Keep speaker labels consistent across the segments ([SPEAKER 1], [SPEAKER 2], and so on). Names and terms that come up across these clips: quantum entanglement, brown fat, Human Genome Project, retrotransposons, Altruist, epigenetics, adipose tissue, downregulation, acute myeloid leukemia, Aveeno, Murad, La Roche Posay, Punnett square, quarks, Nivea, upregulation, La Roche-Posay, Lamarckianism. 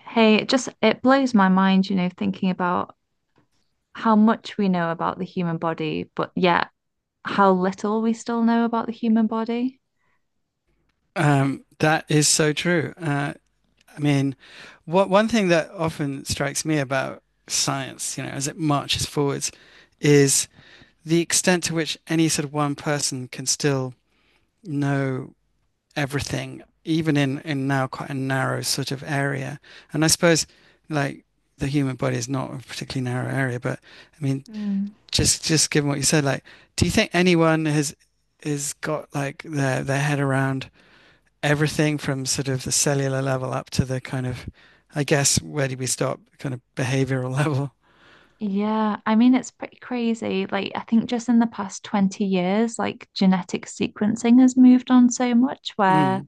[SPEAKER 1] Hey, it just it blows my mind, you know, thinking about how much we know about the human body, but yet how little we still know about the human body.
[SPEAKER 2] That is so true. I mean, what one thing that often strikes me about science, you know, as it marches forwards, is the extent to which any sort of one person can still know everything, even in now quite a narrow sort of area. And I suppose, like, the human body is not a particularly narrow area, but I mean,
[SPEAKER 1] Mm.
[SPEAKER 2] just given what you said, like, do you think anyone has got like their head around everything from sort of the cellular level up to the kind of, I guess, where do we stop? Kind of behavioral level.
[SPEAKER 1] Yeah, I mean it's pretty crazy. Like I think just in the past 20 years, like genetic sequencing has moved on so much where,
[SPEAKER 2] Mm.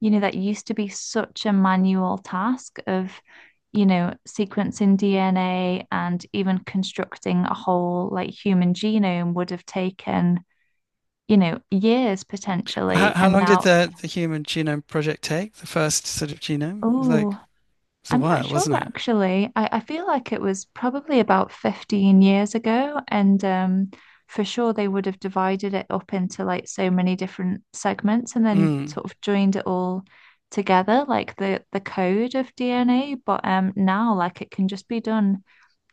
[SPEAKER 1] you know, that used to be such a manual task of, you know, sequencing DNA and even constructing a whole like human genome would have taken you know, years
[SPEAKER 2] Well, How,
[SPEAKER 1] potentially.
[SPEAKER 2] how
[SPEAKER 1] And
[SPEAKER 2] long did
[SPEAKER 1] now,
[SPEAKER 2] the Human Genome Project take? The first sort of genome? It was like, it
[SPEAKER 1] oh,
[SPEAKER 2] was a
[SPEAKER 1] I'm not
[SPEAKER 2] while,
[SPEAKER 1] sure
[SPEAKER 2] wasn't it?
[SPEAKER 1] actually. I feel like it was probably about 15 years ago. And for sure, they would have divided it up into like so many different segments and then
[SPEAKER 2] Mm.
[SPEAKER 1] sort of joined it all together, like the code of DNA. But now, like, it can just be done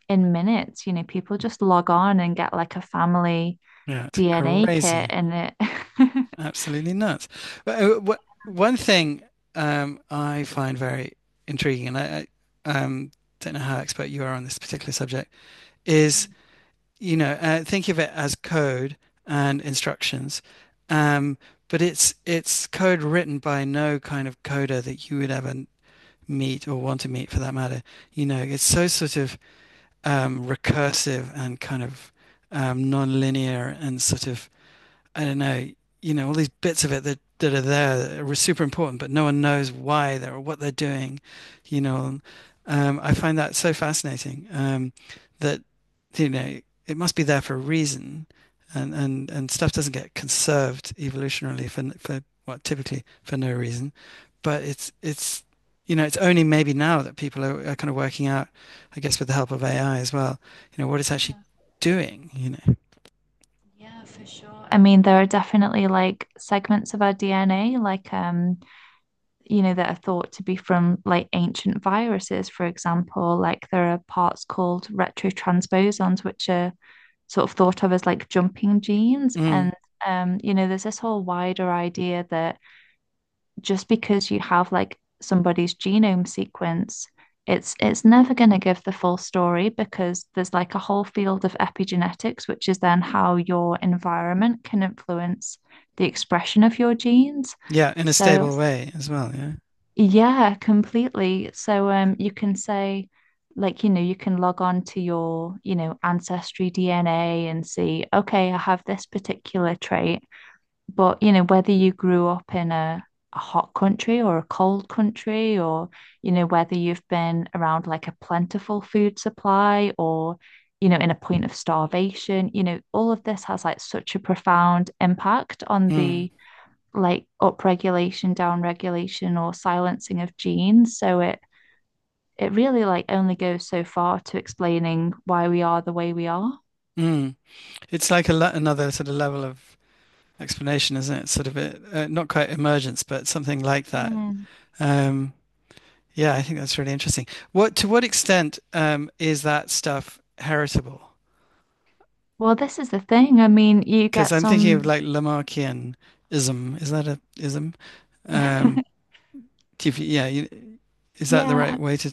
[SPEAKER 1] in minutes. You know, people just log on and get like a family
[SPEAKER 2] Yeah, it's
[SPEAKER 1] DNA kit
[SPEAKER 2] crazy.
[SPEAKER 1] and it.
[SPEAKER 2] Absolutely nuts. But, one thing I find very intriguing, and I don't know how expert you are on this particular subject, is think of it as code and instructions. Um, but it's code written by no kind of coder that you would ever meet or want to meet for that matter. You know, it's so sort of recursive and kind of non-linear and sort of I don't know, you know, all these bits of it that are there that are super important, but no one knows why they're or what they're doing, you know. I find that so fascinating that, you know, it must be there for a reason. And stuff doesn't get conserved evolutionarily for what typically for no reason. But you know, it's only maybe now that people are kind of working out, I guess, with the help of AI as well, you know, what it's
[SPEAKER 1] Yeah.
[SPEAKER 2] actually doing, you know.
[SPEAKER 1] Yeah, for sure. I mean, there are definitely like segments of our DNA, like you know, that are thought to be from like ancient viruses, for example. Like there are parts called retrotransposons, which are sort of thought of as like jumping genes.
[SPEAKER 2] Mm.
[SPEAKER 1] And you know, there's this whole wider idea that just because you have like somebody's genome sequence, it's never going to give the full story because there's like a whole field of epigenetics, which is then how your environment can influence the expression of your genes.
[SPEAKER 2] Yeah, in a
[SPEAKER 1] So,
[SPEAKER 2] stable way as well. Yeah.
[SPEAKER 1] yeah, completely. So, you can say like you know you can log on to your you know ancestry DNA and see okay I have this particular trait but, you know, whether you grew up in a hot country or a cold country, or, you know, whether you've been around like a plentiful food supply or, you know, in a point of starvation, you know, all of this has like such a profound impact on
[SPEAKER 2] Mm,
[SPEAKER 1] the like upregulation, downregulation, or silencing of genes. So it really like only goes so far to explaining why we are the way we are.
[SPEAKER 2] mm. It's like a le another sort of level of explanation, isn't it? Sort of a, not quite emergence, but something like that.
[SPEAKER 1] Mm.
[SPEAKER 2] Um, yeah, I think that's really interesting. What to what extent is that stuff heritable?
[SPEAKER 1] Well, this is the thing. I mean, you
[SPEAKER 2] Because
[SPEAKER 1] get
[SPEAKER 2] I'm thinking of
[SPEAKER 1] some,
[SPEAKER 2] like Lamarckianism. Is that a ism? Um, if you- yeah, you, is that the
[SPEAKER 1] yeah.
[SPEAKER 2] right way to?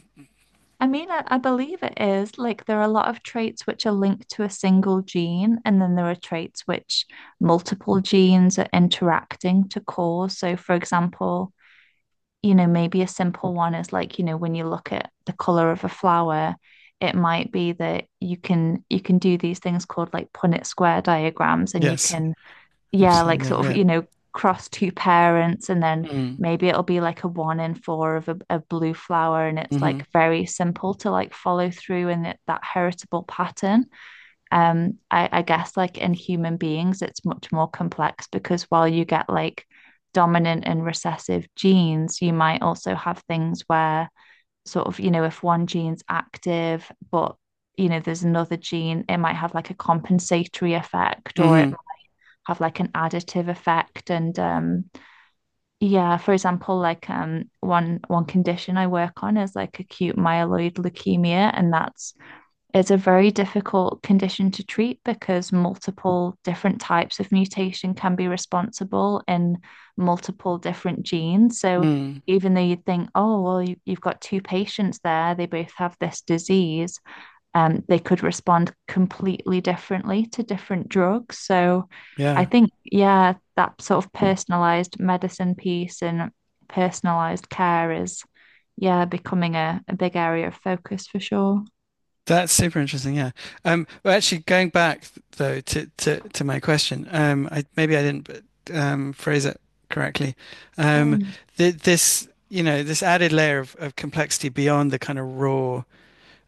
[SPEAKER 1] I mean, I believe it is. Like, there are a lot of traits which are linked to a single gene, and then there are traits which multiple genes are interacting to cause. So, for example, you know, maybe a simple one is like, you know, when you look at the color of a flower, it might be that you can do these things called like Punnett square diagrams, and you
[SPEAKER 2] Yes,
[SPEAKER 1] can
[SPEAKER 2] I've
[SPEAKER 1] yeah,
[SPEAKER 2] seen
[SPEAKER 1] like sort
[SPEAKER 2] them.
[SPEAKER 1] of,
[SPEAKER 2] Yeah.
[SPEAKER 1] you know, cross two parents, and then
[SPEAKER 2] Mm,
[SPEAKER 1] maybe it'll be like a one in four of a blue flower, and it's
[SPEAKER 2] hmm
[SPEAKER 1] like very simple to like follow through in it, that heritable pattern. I guess like in human beings, it's much more complex because while you get like dominant and recessive genes, you might also have things where sort of, you know, if one gene's active, but you know, there's another gene, it might have like a compensatory effect, or it
[SPEAKER 2] hmm
[SPEAKER 1] have like an additive effect and yeah for example like one condition I work on is like acute myeloid leukemia and that's it's a very difficult condition to treat because multiple different types of mutation can be responsible in multiple different genes so
[SPEAKER 2] mm,
[SPEAKER 1] even though you'd think oh well you, you've got two patients there they both have this disease they could respond completely differently to different drugs. So I
[SPEAKER 2] yeah.
[SPEAKER 1] think, yeah, that sort of personalized medicine piece and personalized care is, yeah, becoming a big area of focus for sure.
[SPEAKER 2] That's super interesting, yeah. Well, actually, going back though to my question, I maybe I didn't phrase it correctly. Um,
[SPEAKER 1] Mm,
[SPEAKER 2] th this, you know, this added layer of complexity beyond the kind of raw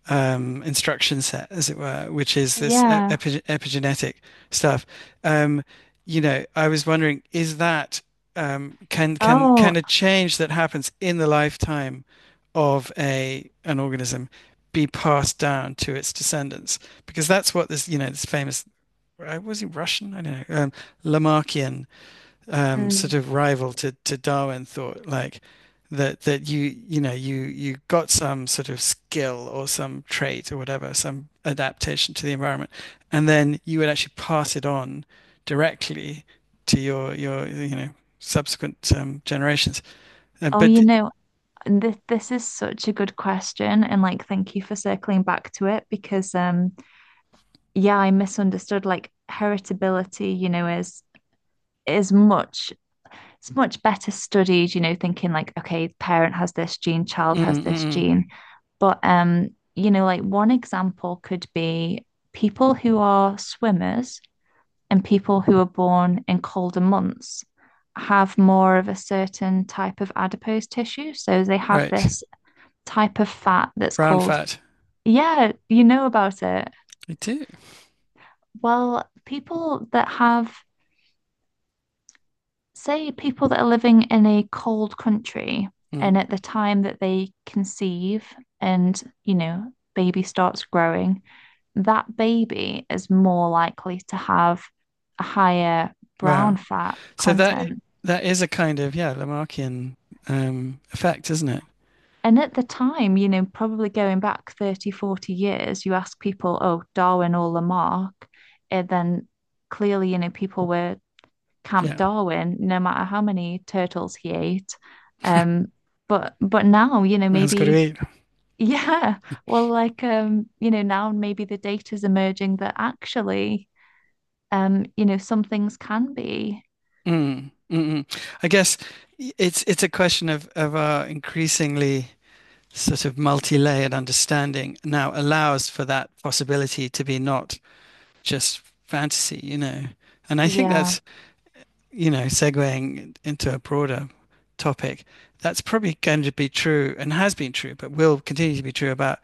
[SPEAKER 2] instruction set, as it were, which is this
[SPEAKER 1] yeah.
[SPEAKER 2] epigenetic stuff. Um, you know, I was wondering, is that can
[SPEAKER 1] Oh,
[SPEAKER 2] a change that happens in the lifetime of a an organism be passed down to its descendants? Because that's what this, you know, this famous, I was he Russian? I don't know, Lamarckian
[SPEAKER 1] mm.
[SPEAKER 2] sort of rival to Darwin thought, like that you know you got some sort of skill or some trait or whatever, some adaptation to the environment, and then you would actually pass it on directly to your you know subsequent generations.
[SPEAKER 1] Oh, you
[SPEAKER 2] But
[SPEAKER 1] know, this is such a good question, and like, thank you for circling back to it because, yeah, I misunderstood like heritability, you know, is much it's much better studied, you know, thinking like, okay, parent has this gene, child
[SPEAKER 2] mm,
[SPEAKER 1] has
[SPEAKER 2] mm,
[SPEAKER 1] this
[SPEAKER 2] mm,
[SPEAKER 1] gene. But you know, like one example could be people who are swimmers and people who are born in colder months have more of a certain type of adipose tissue. So they have
[SPEAKER 2] right,
[SPEAKER 1] this type of fat that's
[SPEAKER 2] brown
[SPEAKER 1] called,
[SPEAKER 2] fat.
[SPEAKER 1] yeah, you know about it.
[SPEAKER 2] I do.
[SPEAKER 1] Well, people that have say people that are living in a cold country and
[SPEAKER 2] Mm,
[SPEAKER 1] at the time that they conceive and you know baby starts growing that baby is more likely to have a higher brown
[SPEAKER 2] wow.
[SPEAKER 1] fat
[SPEAKER 2] So that
[SPEAKER 1] content
[SPEAKER 2] that is a kind of yeah Lamarckian effect, isn't it?
[SPEAKER 1] and at the time you know probably going back 30, 40 years you ask people oh Darwin or Lamarck and then clearly you know people were Camp
[SPEAKER 2] Yeah,
[SPEAKER 1] Darwin, no matter how many turtles he ate. Um, but now, you know,
[SPEAKER 2] man's got to
[SPEAKER 1] maybe
[SPEAKER 2] eat.
[SPEAKER 1] yeah, well, like you know, now maybe the data's emerging that actually, you know, some things can be.
[SPEAKER 2] Mm, mm, mm. I guess it's a question of our increasingly sort of multi-layered understanding now allows for that possibility to be not just fantasy, you know. And I think
[SPEAKER 1] Yeah.
[SPEAKER 2] that's you know, segueing into a broader topic, that's probably going to be true and has been true, but will continue to be true about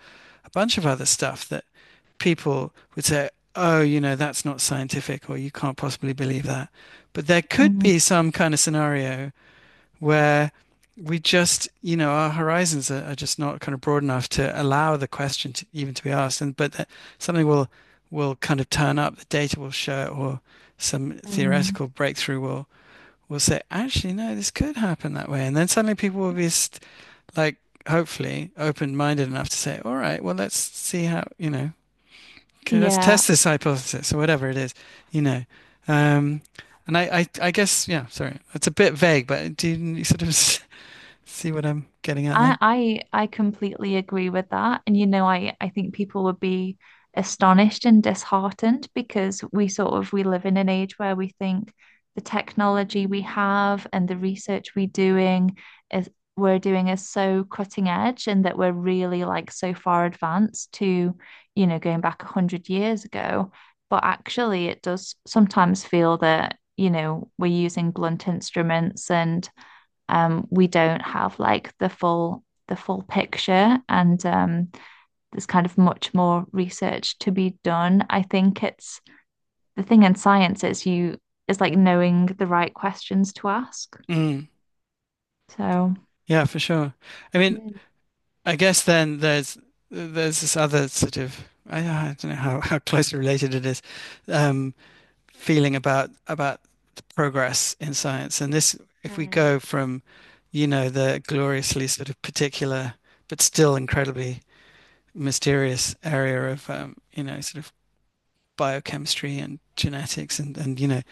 [SPEAKER 2] a bunch of other stuff that people would say, oh, you know, that's not scientific or you can't possibly believe that. But there could
[SPEAKER 1] Mhm.
[SPEAKER 2] be some kind of scenario where we just, you know, our horizons are just not kind of broad enough to allow the question to even to be asked. And but something will kind of turn up, the data will show it, or some
[SPEAKER 1] Mm.
[SPEAKER 2] theoretical breakthrough will say, actually, no, this could happen that way. And then suddenly people will be like, hopefully, open minded enough to say, all right, well, let's see how, you know, okay, let's
[SPEAKER 1] Yeah.
[SPEAKER 2] test this hypothesis or whatever it is, you know. Um, and I guess, yeah, sorry, it's a bit vague, but do you, you sort of see what I'm getting at there?
[SPEAKER 1] I I completely agree with that. And you know, I think people would be astonished and disheartened because we sort of we live in an age where we think the technology we have and the research we doing is we're doing is so cutting edge and that we're really like so far advanced to, you know, going back 100 years ago. But actually it does sometimes feel that, you know, we're using blunt instruments and we don't have like the full picture and there's kind of much more research to be done I think it's the thing in science is you is like knowing the right questions to ask
[SPEAKER 2] Mm,
[SPEAKER 1] so
[SPEAKER 2] yeah, for sure. I mean, I guess then there's this other sort of I don't know how closely related it is um, feeling about progress in science. And this, if we go from, you know, the gloriously sort of particular, but still incredibly mysterious area of, you know, sort of biochemistry and genetics and you know,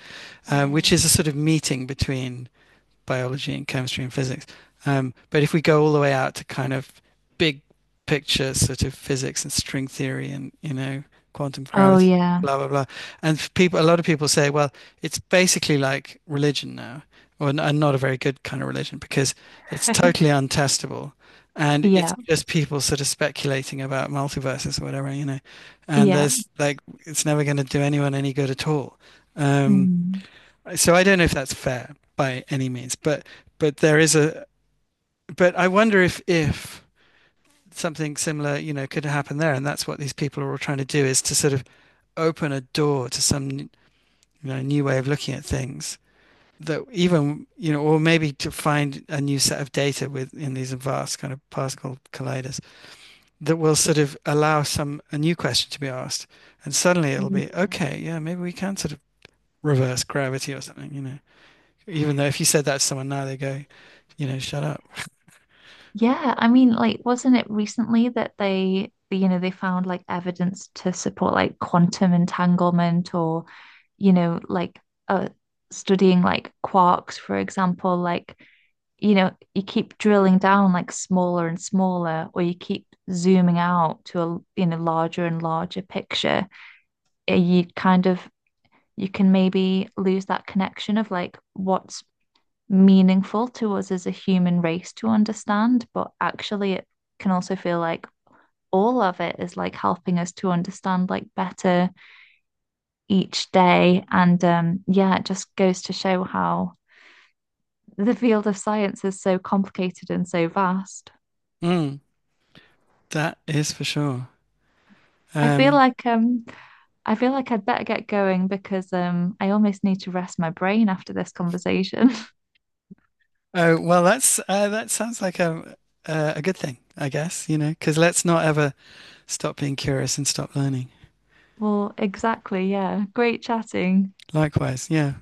[SPEAKER 1] À,
[SPEAKER 2] which is a sort of meeting between biology and chemistry and physics. But if we go all the way out to kind of big picture sort of physics and string theory and you know quantum
[SPEAKER 1] oh
[SPEAKER 2] gravity,
[SPEAKER 1] yeah
[SPEAKER 2] blah blah blah, and people, a lot of people say, well, it's basically like religion now, or and not a very good kind of religion because it's totally untestable, and it's
[SPEAKER 1] yeah
[SPEAKER 2] just people sort of speculating about multiverses or whatever, you know, and
[SPEAKER 1] yeah
[SPEAKER 2] there's like it's never going to do anyone any good at all. Um,
[SPEAKER 1] mm.
[SPEAKER 2] so I don't know if that's fair by any means, but there is a but I wonder if something similar, you know, could happen there, and that's what these people are all trying to do is to sort of open a door to some you know new way of looking at things that even you know or maybe to find a new set of data within these vast kind of particle colliders that will sort of allow some a new question to be asked and suddenly it'll be okay yeah maybe we can sort of reverse gravity or something you know. Even though if you said that to someone now, they go, you know, shut up.
[SPEAKER 1] Yeah, I mean, like, wasn't it recently that they, you know, they found like evidence to support like quantum entanglement or, you know, like uh, studying like quarks, for example, like, you know, you keep drilling down like smaller and smaller, or you keep zooming out to a, you know, larger and larger picture, eh, you can maybe lose that connection of like what's meaningful to us as a human race to understand, but actually it can also feel like all of it is like helping us to understand like better each day. And yeah, it just goes to show how the field of science is so complicated and so vast.
[SPEAKER 2] Mm, that is for sure.
[SPEAKER 1] I feel
[SPEAKER 2] Um,
[SPEAKER 1] like um I feel like I'd better get going because I almost need to rest my brain after this conversation.
[SPEAKER 2] oh well, that's that sounds like a good thing, I guess. You know, because let's not ever stop being curious and stop learning.
[SPEAKER 1] well, exactly, yeah. Great chatting.
[SPEAKER 2] Likewise, yeah.